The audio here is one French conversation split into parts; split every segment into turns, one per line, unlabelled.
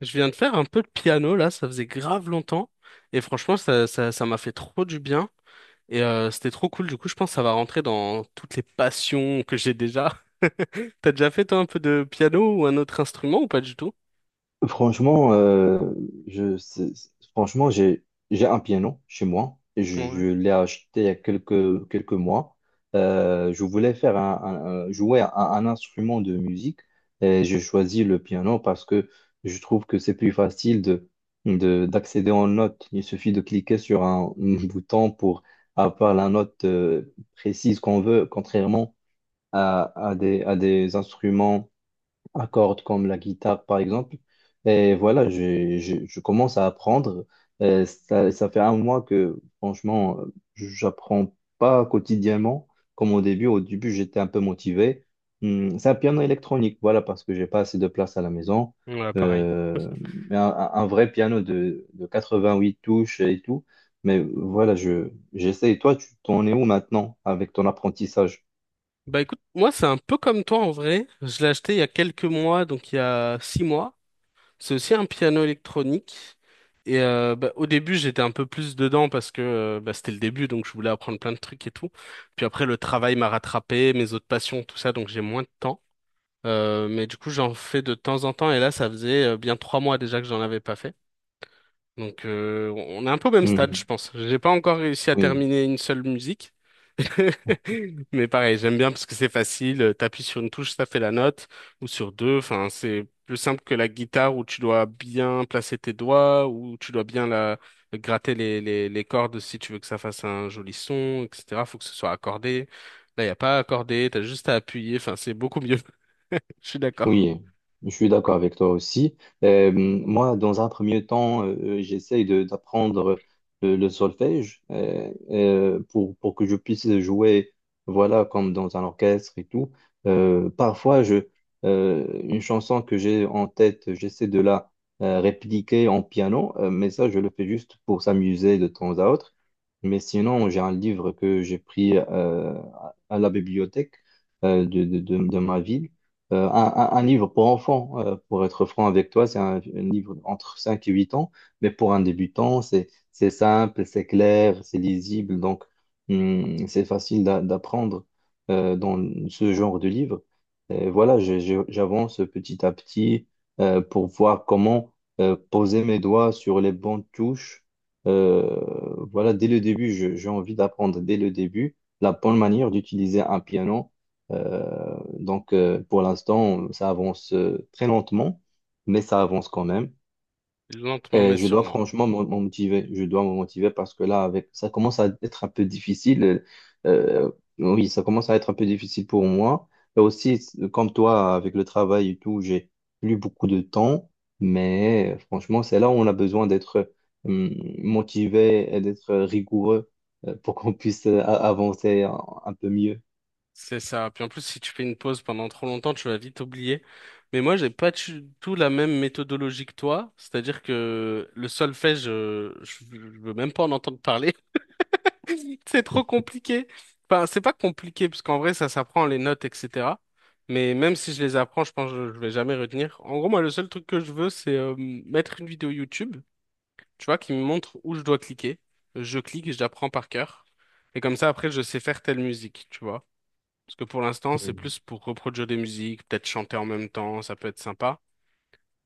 Je viens de faire un peu de piano là, ça faisait grave longtemps et franchement ça m'a fait trop du bien et c'était trop cool. Du coup, je pense que ça va rentrer dans toutes les passions que j'ai déjà. T'as déjà fait toi un peu de piano ou un autre instrument ou pas du tout?
Franchement, franchement, j'ai un piano chez moi et je
Ouais,
l'ai acheté il y a quelques mois. Je voulais faire jouer un instrument de musique et j'ai choisi le piano parce que je trouve que c'est plus facile d'accéder en notes. Il suffit de cliquer sur un, bouton pour avoir la note précise qu'on veut, contrairement à des instruments à cordes comme la guitare par exemple. Et voilà, je commence à apprendre. Ça fait un mois que franchement, j'apprends pas quotidiennement comme au début. Au début, j'étais un peu motivé. C'est un piano électronique, voilà, parce que j'ai pas assez de place à la maison.
ouais, pareil.
Euh, mais un vrai piano de 88 touches et tout. Mais voilà, j'essaie. Toi, tu t'en es où maintenant avec ton apprentissage?
Bah écoute, moi c'est un peu comme toi en vrai. Je l'ai acheté il y a quelques mois, donc il y a six mois. C'est aussi un piano électronique. Et bah, au début, j'étais un peu plus dedans parce que bah, c'était le début, donc je voulais apprendre plein de trucs et tout. Puis après, le travail m'a rattrapé, mes autres passions, tout ça, donc j'ai moins de temps. Mais du coup, j'en fais de temps en temps. Et là, ça faisait bien trois mois déjà que j'en avais pas fait. Donc, on est un peu au même stade, je
Mhm.
pense. J'ai pas encore réussi à
Oui.
terminer une seule musique. Mais pareil, j'aime bien parce que c'est facile. T'appuies sur une touche, ça fait la note, ou sur deux. Enfin, c'est plus simple que la guitare où tu dois bien placer tes doigts, où tu dois bien la gratter les cordes si tu veux que ça fasse un joli son, etc. Faut que ce soit accordé. Là, y a pas à accorder, t'as juste à appuyer. Enfin, c'est beaucoup mieux. Je suis d'accord.
Oui, je suis d'accord avec toi aussi. Moi, dans un premier temps, j'essaye d'apprendre le solfège pour que je puisse jouer, voilà, comme dans un orchestre et tout. Parfois, une chanson que j'ai en tête, j'essaie de la répliquer en piano, mais ça, je le fais juste pour s'amuser de temps à autre. Mais sinon, j'ai un livre que j'ai pris à la bibliothèque de ma ville. Un un livre pour enfants, pour être franc avec toi, c'est un livre entre 5 et 8 ans, mais pour un débutant, c'est simple, c'est clair, c'est lisible, donc c'est facile d'apprendre dans ce genre de livre. Et voilà, j'avance petit à petit pour voir comment poser mes doigts sur les bonnes touches. Euh, voilà, dès le début, j'ai envie d'apprendre dès le début la bonne manière d'utiliser un piano. Euh, donc, pour l'instant, ça avance très lentement, mais ça avance quand même.
Lentement
Et
mais
je dois
sûrement.
franchement me motiver. Je dois me motiver parce que là, avec ça commence à être un peu difficile. Euh, oui, ça commence à être un peu difficile pour moi. Et aussi, comme toi, avec le travail et tout, j'ai plus beaucoup de temps. Mais franchement, c'est là où on a besoin d'être euh, motivé et d'être rigoureux pour qu'on puisse avancer un peu mieux.
C'est ça. Puis en plus, si tu fais une pause pendant trop longtemps, tu vas vite oublier. Mais moi, j'ai pas du tout la même méthodologie que toi. C'est-à-dire que le solfège, je veux même pas en entendre parler. C'est trop compliqué. Enfin, c'est pas compliqué, parce qu'en vrai, ça s'apprend les notes, etc. Mais même si je les apprends, je pense que je vais jamais retenir. En gros, moi, le seul truc que je veux, c'est mettre une vidéo YouTube, tu vois, qui me montre où je dois cliquer. Je clique et je l'apprends par cœur. Et comme ça, après, je sais faire telle musique, tu vois. Parce que pour l'instant, c'est
Mhm.
plus pour reproduire des musiques, peut-être chanter en même temps, ça peut être sympa.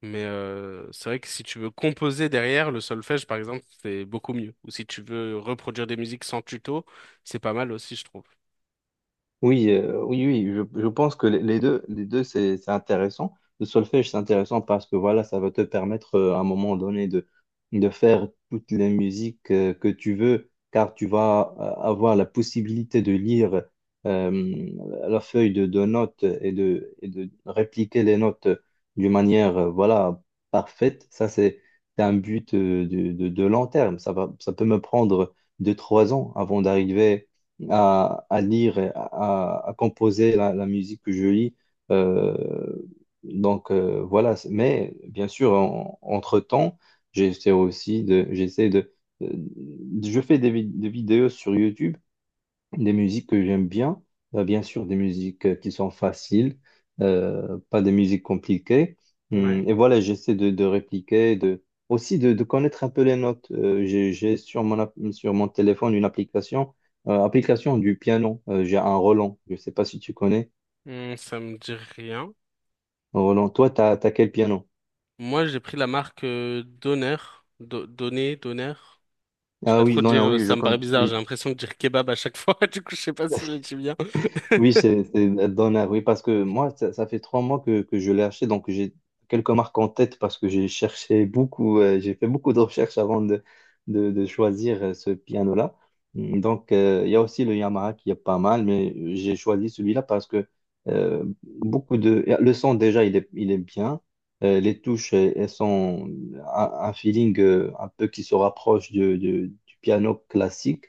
Mais c'est vrai que si tu veux composer derrière, le solfège, par exemple, c'est beaucoup mieux. Ou si tu veux reproduire des musiques sans tuto, c'est pas mal aussi, je trouve.
Oui, oui, oui, je pense que les deux, c'est intéressant. Le solfège, c'est intéressant parce que voilà, ça va te permettre à un moment donné de faire toutes les musiques que tu veux, car tu vas avoir la possibilité de lire euh, la feuille de notes et et de répliquer les notes d'une manière voilà, parfaite. Ça, c'est un but de long terme. Ça va, ça peut me prendre 2, 3 ans avant d'arriver à lire, et à composer la musique que je lis. Euh, donc voilà, mais bien sûr, entre-temps, j'essaie euh, je fais des vidéos sur YouTube des musiques que j'aime bien, bien sûr des musiques qui sont faciles, pas des musiques compliquées.
Ouais.
Et voilà, j'essaie de répliquer, de connaître un peu les notes. J'ai sur sur mon téléphone une application, application du piano. J'ai un Roland, je ne sais pas si tu connais.
Hmm, ça me dit rien.
Roland, toi, tu as, quel piano?
Moi, j'ai pris la marque Donner. Donner. Je sais pas
Ah oui,
trop
non,
dire,
non, oui, je
ça me paraît
connais.
bizarre, j'ai
Oui.
l'impression de dire kebab à chaque fois, du coup, je sais pas si je le dis bien.
Oui, c'est Donner, oui, parce que moi, ça fait 3 mois que je l'ai acheté, donc j'ai quelques marques en tête parce que j'ai cherché beaucoup, j'ai fait beaucoup de recherches avant de choisir ce piano-là. Donc, il y a aussi le Yamaha qui est pas mal, mais j'ai choisi celui-là parce que beaucoup de... Le son, déjà, il est bien. Les touches, elles sont un feeling un peu qui se rapproche du piano classique.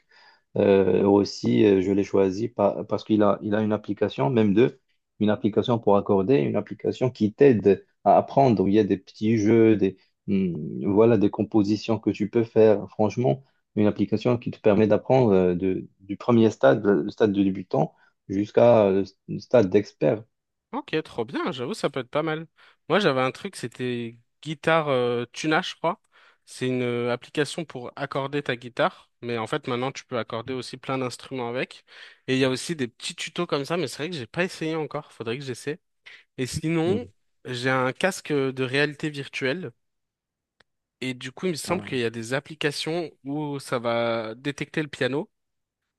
Aussi, je l'ai choisi parce il a une application, même deux, une application pour accorder, une application qui t'aide à apprendre. Il y a des petits jeux, hum, voilà, des compositions que tu peux faire. Franchement, une application qui te permet d'apprendre du premier stade, le stade de débutant, jusqu'à le stade d'expert.
Ok, trop bien, j'avoue, ça peut être pas mal. Moi, j'avais un truc, c'était Guitare Tuna, je crois. C'est une application pour accorder ta guitare, mais en fait, maintenant, tu peux accorder aussi plein d'instruments avec. Et il y a aussi des petits tutos comme ça, mais c'est vrai que j'ai pas essayé encore, faudrait que j'essaie. Et sinon,
Hum.
j'ai un casque de réalité virtuelle, et du coup, il me semble
Ah,
qu'il y a des applications où ça va détecter le piano,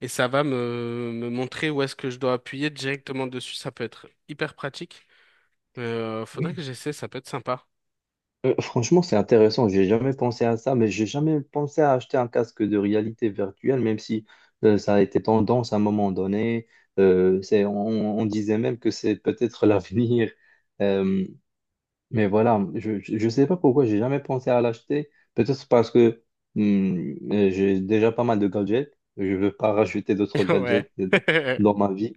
et ça va me montrer où est-ce que je dois appuyer directement dessus, ça peut être hyper pratique. Faudrait
oui.
que j'essaie, ça peut être sympa.
Franchement, c'est intéressant. J'ai jamais pensé à ça, mais j'ai jamais pensé à acheter un casque de réalité virtuelle, même si ça a été tendance à un moment donné. On on, disait même que c'est peut-être l'avenir. Euh, mais voilà, je sais pas pourquoi j'ai jamais pensé à l'acheter. Peut-être parce que j'ai déjà pas mal de gadgets. Je veux pas rajouter d'autres
Ouais.
gadgets dans ma vie.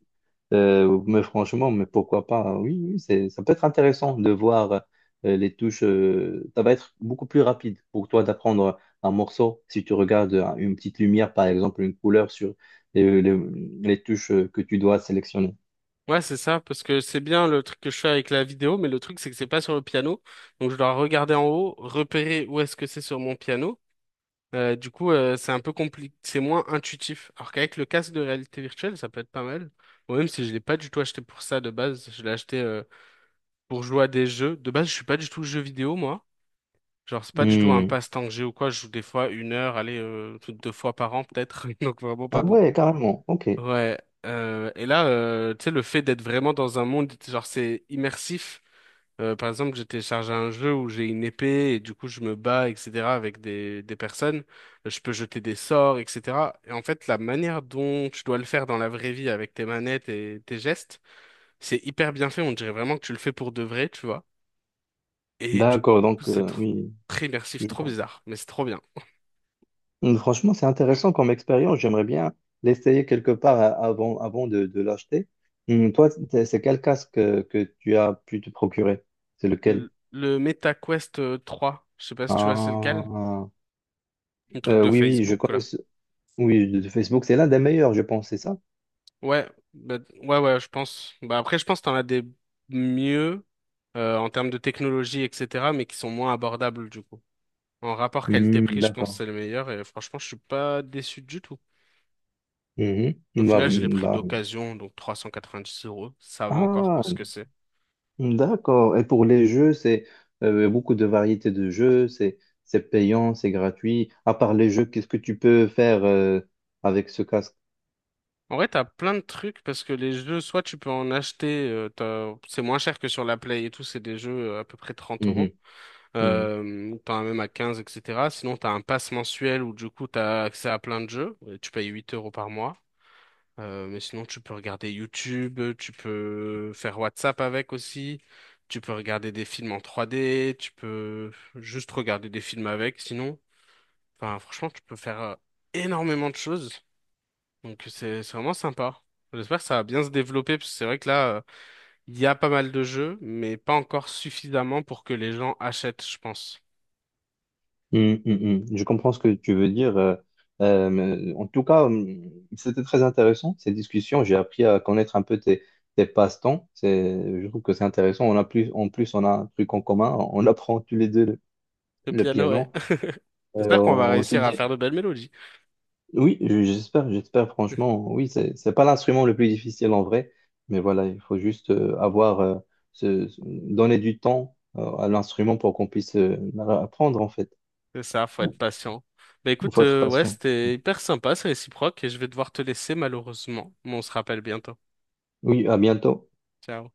Mais franchement, mais pourquoi pas? Oui, oui, ça peut être intéressant de voir les touches. Ça va être beaucoup plus rapide pour toi d'apprendre un morceau si tu regardes une petite lumière, par exemple, une couleur sur les, les- les touches que tu dois sélectionner.
Ouais, c'est ça, parce que c'est bien le truc que je fais avec la vidéo, mais le truc c'est que c'est pas sur le piano. Donc je dois regarder en haut, repérer où est-ce que c'est sur mon piano. Du coup, c'est un peu compliqué, c'est moins intuitif. Alors qu'avec le casque de réalité virtuelle, ça peut être pas mal. Ou même si je l'ai pas du tout acheté pour ça de base, je l'ai acheté pour jouer à des jeux. De base, je suis pas du tout jeu vidéo, moi. Genre, c'est pas du tout un
Hmm.
passe-temps que j'ai ou quoi. Je joue des fois une heure, allez, deux fois par an peut-être, donc vraiment pas
Ah ouais,
beaucoup.
carrément. Ok.
Ouais, et là, tu sais, le fait d'être vraiment dans un monde, genre, c'est immersif. Par exemple, j'ai téléchargé un jeu où j'ai une épée et du coup, je me bats, etc., avec des personnes. Je peux jeter des sorts, etc. Et en fait, la manière dont tu dois le faire dans la vraie vie avec tes manettes et tes gestes, c'est hyper bien fait. On dirait vraiment que tu le fais pour de vrai, tu vois. Et du coup,
D'accord. Donc,
c'est trop,
oui.
très immersif,
Je
trop
comprends.
bizarre, mais c'est trop bien.
Franchement, c'est intéressant comme expérience. J'aimerais bien l'essayer quelque part avant de l'acheter. Toi, c'est quel casque que tu as pu te procurer? C'est lequel?
Le Meta Quest 3, je sais pas si tu vois c'est lequel,
Ah,
un truc de
oui, oui, je
Facebook,
connais
quoi.
ce... Oui, de Facebook, c'est l'un des meilleurs, je pense, c'est ça?
Ouais, bah, ouais, je pense. Bah, après, je pense que t'en as des mieux en termes de technologie, etc., mais qui sont moins abordables du coup. En rapport qualité-prix, je pense que
D'accord.
c'est le meilleur et franchement, je suis pas déçu du tout.
Mhm.
Au
Bah,
final, je l'ai pris
bah,
d'occasion, donc 390 euros, ça va encore
Ah,
pour ce que c'est.
d'accord. Et pour les jeux, c'est beaucoup de variétés de jeux, c'est payant, c'est gratuit. À part les jeux, qu'est-ce que tu peux faire avec ce casque?
En vrai, t'as plein de trucs parce que les jeux, soit tu peux en acheter, c'est moins cher que sur la Play et tout, c'est des jeux à peu près trente
Hum,
euros.
hum. Mm.
T'en as même à 15, etc. Sinon, t'as un pass mensuel où du coup, t'as accès à plein de jeux. Et tu payes 8 euros par mois. Mais sinon, tu peux regarder YouTube, tu peux faire WhatsApp avec aussi, tu peux regarder des films en 3D, tu peux juste regarder des films avec. Sinon, enfin, franchement, tu peux faire énormément de choses. Donc, c'est vraiment sympa. J'espère que ça va bien se développer parce que c'est vrai que là, il y a pas mal de jeux, mais pas encore suffisamment pour que les gens achètent, je pense.
Mm, mm, mm. Je comprends ce que tu veux dire. Mais en tout cas, c'était très intéressant cette discussion. J'ai appris à connaître un peu tes passe-temps. Je trouve que c'est intéressant. On a plus, en plus, on a un truc en commun. On apprend tous les deux
Le
le
piano, ouais.
piano. Et
J'espère qu'on va
on se
réussir à faire
dit,
de belles mélodies.
oui, j'espère, j'espère franchement. Oui, c'est pas l'instrument le plus difficile en vrai, mais voilà, il faut juste donner du temps à l'instrument pour qu'on puisse apprendre en fait.
C'est ça, faut
Il
être patient. Bah écoute,
faut être
ouais,
patient.
c'était hyper sympa, c'est réciproque et je vais devoir te laisser malheureusement, mais on se rappelle bientôt.
Oui, à bientôt.
Ciao.